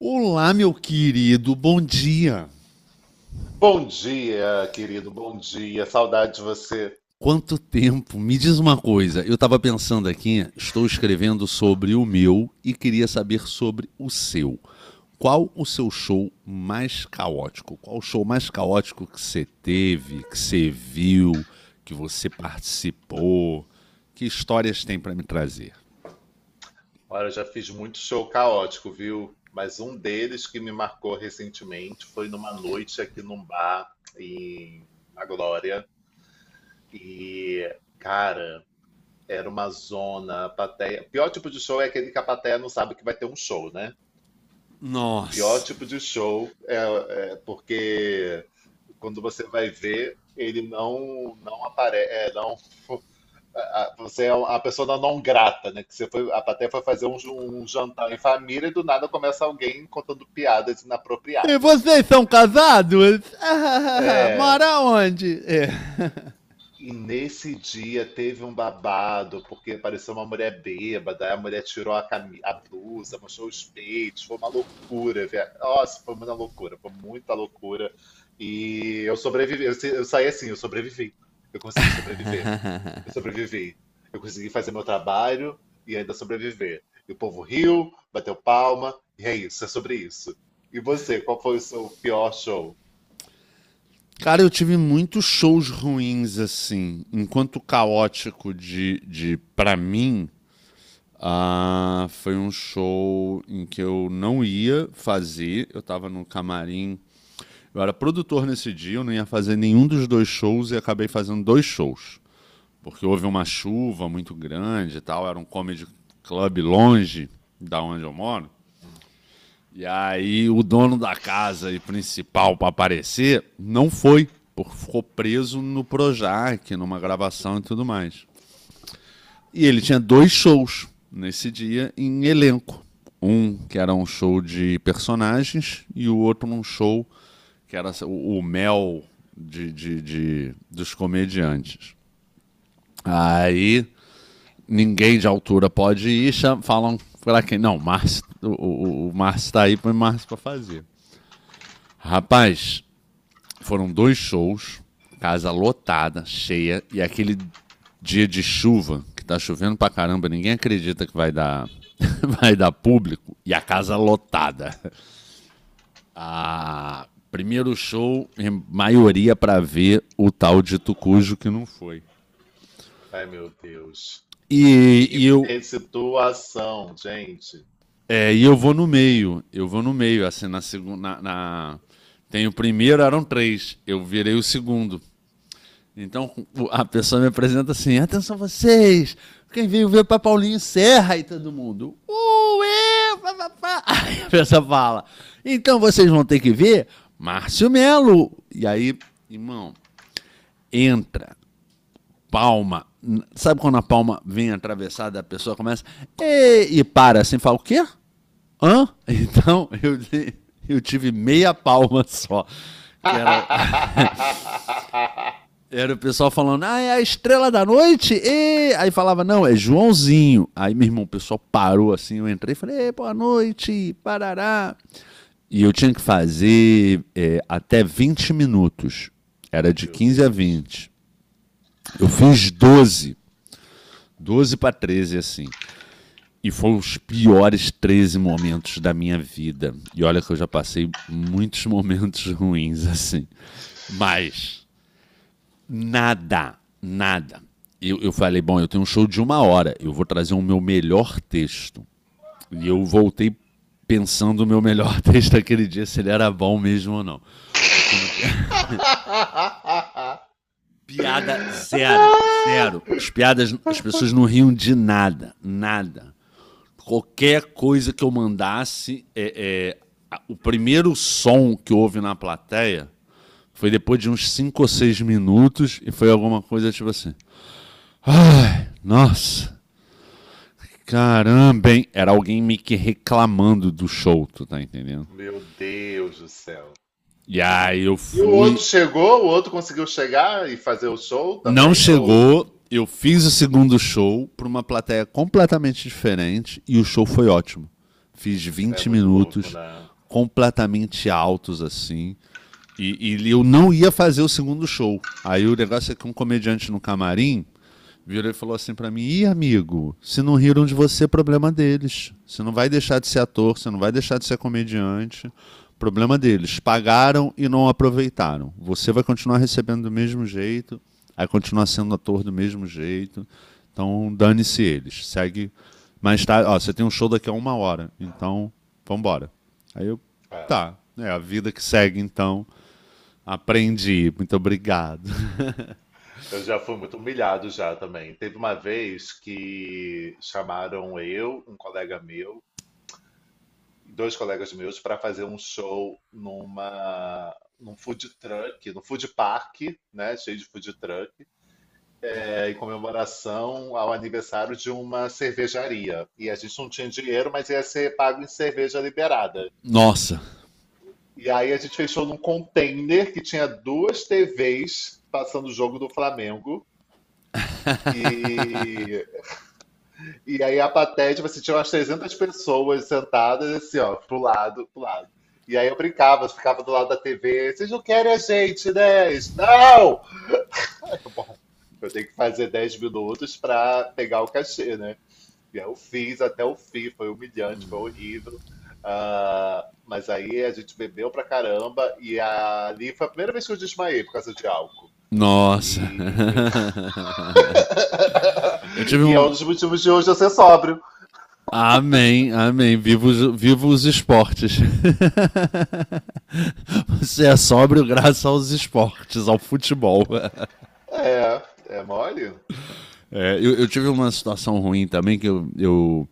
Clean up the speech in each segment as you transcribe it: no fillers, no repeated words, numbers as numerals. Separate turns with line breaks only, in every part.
Olá, meu querido, bom dia.
Bom dia, querido, bom dia. Saudade de você.
Quanto tempo? Me diz uma coisa. Eu estava pensando aqui, estou escrevendo sobre o meu e queria saber sobre o seu. Qual o seu show mais caótico? Qual o show mais caótico que você teve, que você viu, que você participou? Que histórias tem para me trazer?
Olha, eu já fiz muito show caótico, viu? Mas um deles que me marcou recentemente foi numa noite aqui num bar na Glória. E, cara, Era uma zona, a plateia. Pior tipo de show é aquele que a plateia não sabe que vai ter um show, né? Pior
Nossa.
tipo de show é porque quando você vai ver, ele não aparece, não. a- Você é um, a pessoa da não grata, né? Que você foi, a plateia foi fazer um jantar em família e do nada começa alguém contando piadas
E
inapropriadas.
vocês são casados?
É,
Mora onde? É.
e nesse dia teve um babado, porque apareceu uma mulher bêbada, aí a mulher tirou a blusa, mostrou os peitos, foi uma loucura. Nossa, foi uma loucura, foi muita loucura. E eu sobrevivi, eu, se- eu saí assim, eu sobrevivi. Eu consegui sobreviver. Eu sobrevivi. Eu consegui fazer meu trabalho e ainda sobreviver. E o povo riu, bateu palma, e é isso, é sobre isso. E você, qual foi o seu pior show?
Cara, eu tive muitos shows ruins, assim. Enquanto caótico de para mim, ah, foi um show em que eu não ia fazer. Eu tava no camarim. Eu era produtor nesse dia, eu não ia fazer nenhum dos dois shows e acabei fazendo dois shows. Porque houve uma chuva muito grande e tal, era um comedy club longe da onde eu moro. E aí o dono da casa e principal para aparecer não foi, porque ficou preso no Projac, numa
Gente,
gravação e tudo mais. E ele tinha dois shows nesse dia em elenco. Um que era um show de personagens e o outro um show que era o mel dos comediantes. Aí ninguém de altura pode ir, falam para quem? Não, o Márcio, o Márcio tá aí, para o Márcio pra fazer. Rapaz, foram dois shows, casa lotada, cheia, e aquele dia de chuva, que tá chovendo pra caramba, ninguém acredita que vai dar, vai dar público, e a casa lotada. Ah, primeiro show, em maioria pra ver o tal de Tucujo que não foi.
ai meu Deus.
E, e
Que
eu,
situação, gente.
e eu vou no meio, assim, na segunda, na- na... Tem o primeiro, eram três. Eu virei o segundo. Então a pessoa me apresenta assim: atenção vocês, quem veio ver para Paulinho Serra e todo mundo. Ué, pá, pá, pá. Aí a pessoa fala: então vocês vão ter que ver Márcio Melo. E aí, irmão, entra, palma. Sabe quando a palma vem atravessada, a pessoa começa "Ê", e, para assim, fala: o quê? Hã? Então eu tive meia palma só, que era era o pessoal falando, ah, é a estrela da noite? E... Aí falava, não, é Joãozinho. Aí, meu irmão, o pessoal parou assim, eu entrei e falei, boa noite, parará. E eu tinha que fazer até 20 minutos. Era de
Meu
quinze a
Deus.
vinte Eu fiz 12, para 13 assim. E foram os piores 13 momentos da minha vida. E olha que eu já passei muitos momentos ruins, assim. Mas nada, nada. Eu falei, bom, eu tenho um show de 1 hora, eu vou trazer o meu melhor texto. E eu voltei pensando o meu melhor texto aquele dia, se ele era bom mesmo ou não. Porque não... Piada zero, zero. As piadas, as pessoas não riam de nada, nada. Qualquer coisa que eu mandasse, o primeiro som que houve na plateia foi depois de uns 5 ou 6 minutos e foi alguma coisa tipo assim. Ai, nossa. Caramba, hein? Era alguém meio que reclamando do show, tu tá entendendo?
Meu Deus do céu.
E aí eu
E o outro
fui.
chegou? O outro conseguiu chegar e fazer o show
Não
também? Ou
chegou, eu fiz o segundo show pra uma plateia completamente diferente e o show foi ótimo. Fiz
é
vinte
muito louco,
minutos
né?
completamente altos assim. Eu não ia fazer o segundo show. Aí o negócio é que um comediante no camarim virou e falou assim pra mim: Ih, amigo, se não riram de você, problema deles. Você não vai deixar de ser ator, você não vai deixar de ser comediante. Problema deles. Pagaram e não aproveitaram. Você vai continuar recebendo do mesmo jeito, vai continuar sendo ator do mesmo jeito. Então, dane-se eles. Segue. Mas tá, ó, você tem um show daqui a 1 hora, então vambora. Aí eu,
É,
tá, é a vida que segue então. Aprendi, muito obrigado.
eu já fui muito humilhado já também. Teve uma vez que chamaram eu, um colega meu, dois colegas meus para fazer um show num food truck, no food park, né, cheio de food truck, é, em comemoração ao aniversário de uma cervejaria. E a gente não tinha dinheiro, mas ia ser pago em cerveja liberada.
Nossa.
E aí a gente fechou num container que tinha duas TVs passando o jogo do Flamengo. E E aí a plateia, tipo assim, tinha umas 300 pessoas sentadas, assim, ó, pro lado, pro lado. E aí eu brincava, eu ficava do lado da TV, vocês não querem a gente, né? Isso, não! Bom, eu tenho que fazer 10 minutos pra pegar o cachê, né? E aí eu fiz até o fim, foi humilhante, foi horrível. Ah, mas aí a gente bebeu pra caramba e ali foi a primeira vez que eu desmaiei por causa de álcool.
Nossa.
E,
Eu tive
e é um
um.
dos motivos de hoje eu ser sóbrio.
Amém, amém. Viva os esportes. Você é sóbrio graças aos esportes, ao futebol.
É, é mole?
É, eu tive uma situação ruim também, que eu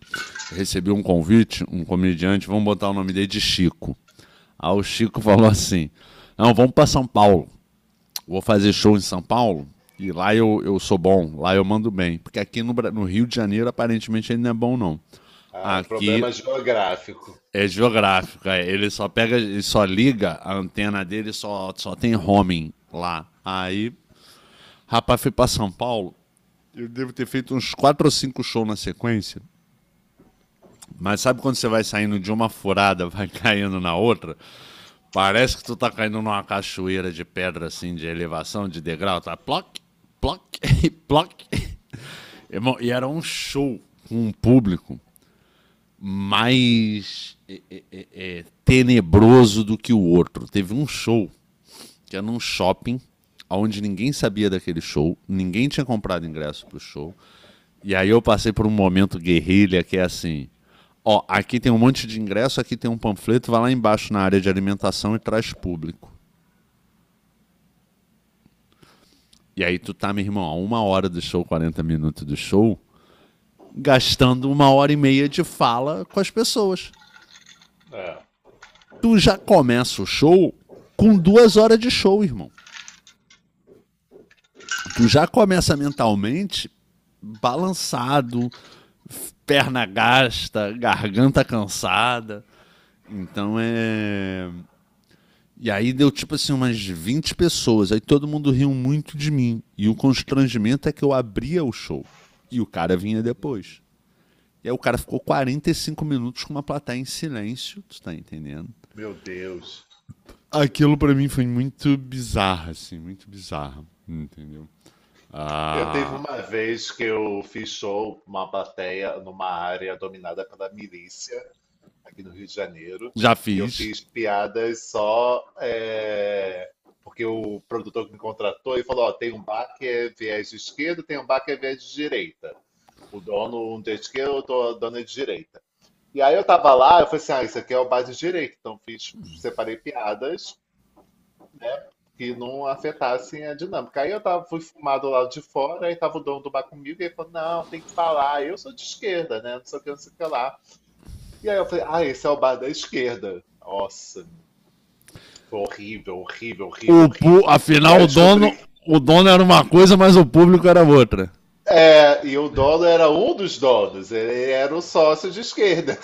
recebi um convite, um comediante, vamos botar o nome dele de Chico. Aí o Chico falou assim: não, vamos para São Paulo. Vou fazer show em São Paulo e lá eu sou bom, lá eu mando bem. Porque aqui no Rio de Janeiro, aparentemente, ele não é bom, não.
Ah, o
Aqui
problema geográfico.
é geográfica. Ele só pega, ele só liga a antena dele, só tem roaming lá. Aí, rapaz, fui pra São Paulo. Eu devo ter feito uns quatro ou cinco shows na sequência. Mas sabe quando você vai saindo de uma furada, vai caindo na outra? Parece que tu tá caindo numa cachoeira de pedra, assim, de elevação, de degrau. Tá ploc, ploc, ploc. Irmão, e era um show com um público mais tenebroso do que o outro. Teve um show que era num shopping, onde ninguém sabia daquele show, ninguém tinha comprado ingresso pro show. E aí eu passei por um momento guerrilha que é assim: ó, aqui tem um monte de ingresso, aqui tem um panfleto, vai lá embaixo na área de alimentação e traz público. E aí tu tá, meu irmão, a 1 hora do show, 40 minutos do show, gastando 1 hora e meia de fala com as pessoas.
É,
Tu já começa o show com 2 horas de show, irmão. Tu já começa mentalmente balançado, perna gasta, garganta cansada. Então é. E aí deu tipo assim umas 20 pessoas, aí todo mundo riu muito de mim. E o constrangimento é que eu abria o show e o cara vinha depois. E aí o cara ficou 45 minutos com uma plateia em silêncio, tu tá entendendo?
meu Deus.
Aquilo para mim foi muito bizarro, assim, muito bizarro, entendeu?
Eu teve
Ah,
uma vez que eu fiz show com uma plateia numa área dominada pela milícia, aqui no Rio de Janeiro,
já
e eu
fiz.
fiz piadas só é, porque o produtor que me contratou e falou: ó, tem um bar que é viés de esquerda, tem um bar que é viés de direita. O dono, um de esquerda, o dono é de direita. E aí eu tava lá, eu falei assim: ah, isso aqui é o bar de direita. Então fiz, separei piadas, né? Que não afetassem a dinâmica. Aí eu tava, fui fumar do lado de fora, aí tava o dono do bar comigo, e ele falou: não, tem que falar, eu sou de esquerda, né? Não sei o que, não sei o que lá. E aí eu falei: ah, esse é o bar da esquerda. Nossa, foi horrível, horrível, horrível,
O pu-
horrível. E
afinal,
aí eu descobri que.
o dono era uma coisa, mas o público era outra.
É, e o dono era um dos donos, ele era o sócio de esquerda.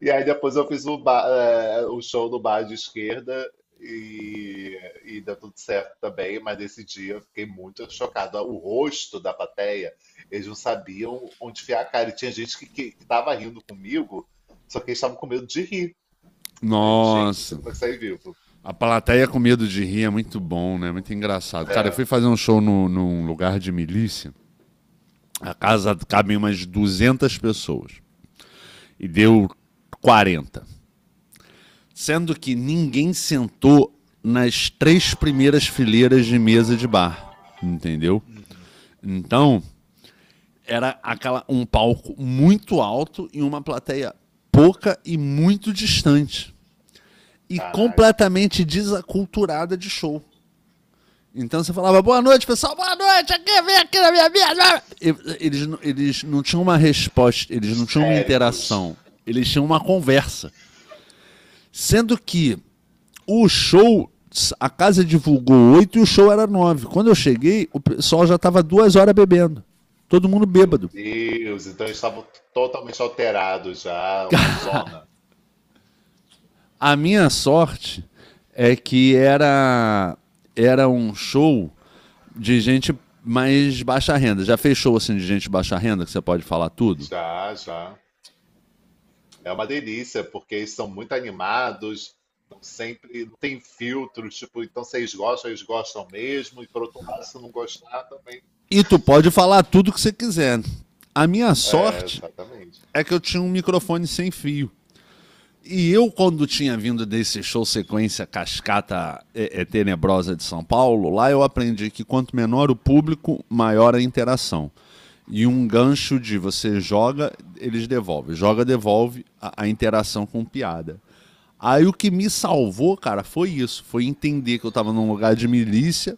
E aí depois eu fiz o show no bar de esquerda e, e deu tudo certo também, mas nesse dia eu fiquei muito chocado. O rosto da plateia, eles não sabiam onde enfiar a cara. E tinha gente que tava rindo comigo, só que eles estavam com medo de rir. Aí eu, gente, não sei
Nossa,
como é que saí vivo.
a plateia com medo de rir é muito bom, né? Muito engraçado. Cara, eu fui
É,
fazer um show no, num lugar de milícia. A casa cabe umas 200 pessoas. E deu 40. Sendo que ninguém sentou nas três primeiras fileiras de mesa de bar, entendeu? Então, era aquela um palco muito alto e uma plateia pouca e muito distante e
caralho.
completamente desaculturada de show. Então você falava, boa noite, pessoal, boa noite, aqui, vem aqui na minha mesa. Eles não tinham uma resposta, eles não tinham uma
Histéricos.
interação, eles tinham uma conversa. Sendo que o show, a casa divulgou 8 e o show era 9. Quando eu cheguei, o pessoal já estava 2 horas bebendo. Todo mundo
Meu
bêbado.
Deus. Então eles estavam totalmente alterados já, uma zona.
A minha sorte é que era um show de gente mais baixa renda. Já fez show assim de gente baixa renda que você pode falar tudo?
Já, já. É uma delícia, porque eles são muito animados, estão sempre, não tem filtros, tipo, então se eles gostam, eles gostam mesmo, e por outro lado, se não gostar também.
E tu pode falar tudo que você quiser. A minha
É,
sorte
exatamente.
é que eu tinha um microfone sem fio. E eu, quando tinha vindo desse show sequência cascata tenebrosa de São Paulo, lá eu aprendi que quanto menor o público, maior a interação. E um gancho de você joga, eles devolvem. Joga, devolve a interação com piada. Aí o que me salvou, cara, foi isso. Foi entender que eu estava num lugar de milícia,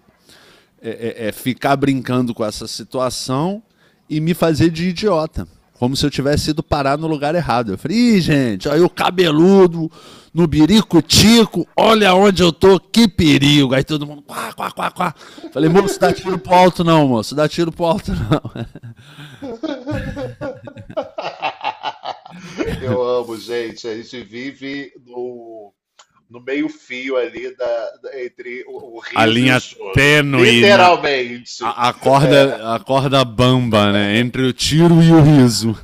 ficar brincando com essa situação e me fazer de idiota. Como se eu tivesse ido parar no lugar errado. Eu falei, Ih, gente, aí o cabeludo, no biricutico olha onde eu tô, que perigo. Aí todo mundo, quá, quá, quá, quá. Falei, moço, dá tiro pro alto não, moço, dá tiro pro alto não.
Eu amo, gente. A gente vive no meio-fio ali entre o
A
riso e o
linha
choro.
tênue, na,
Literalmente.
a corda bamba, né, entre o tiro e o riso.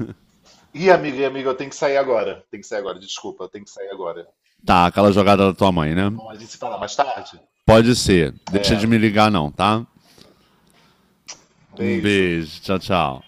Ih, amiga e amiga, eu tenho que sair agora. Tem que sair agora, desculpa, eu tenho que sair agora.
Tá, aquela jogada da tua mãe, né?
Tá bom? A gente se fala mais tarde?
Pode ser, deixa
É,
de me ligar não, tá? Um
beijo.
beijo. Tchau, tchau.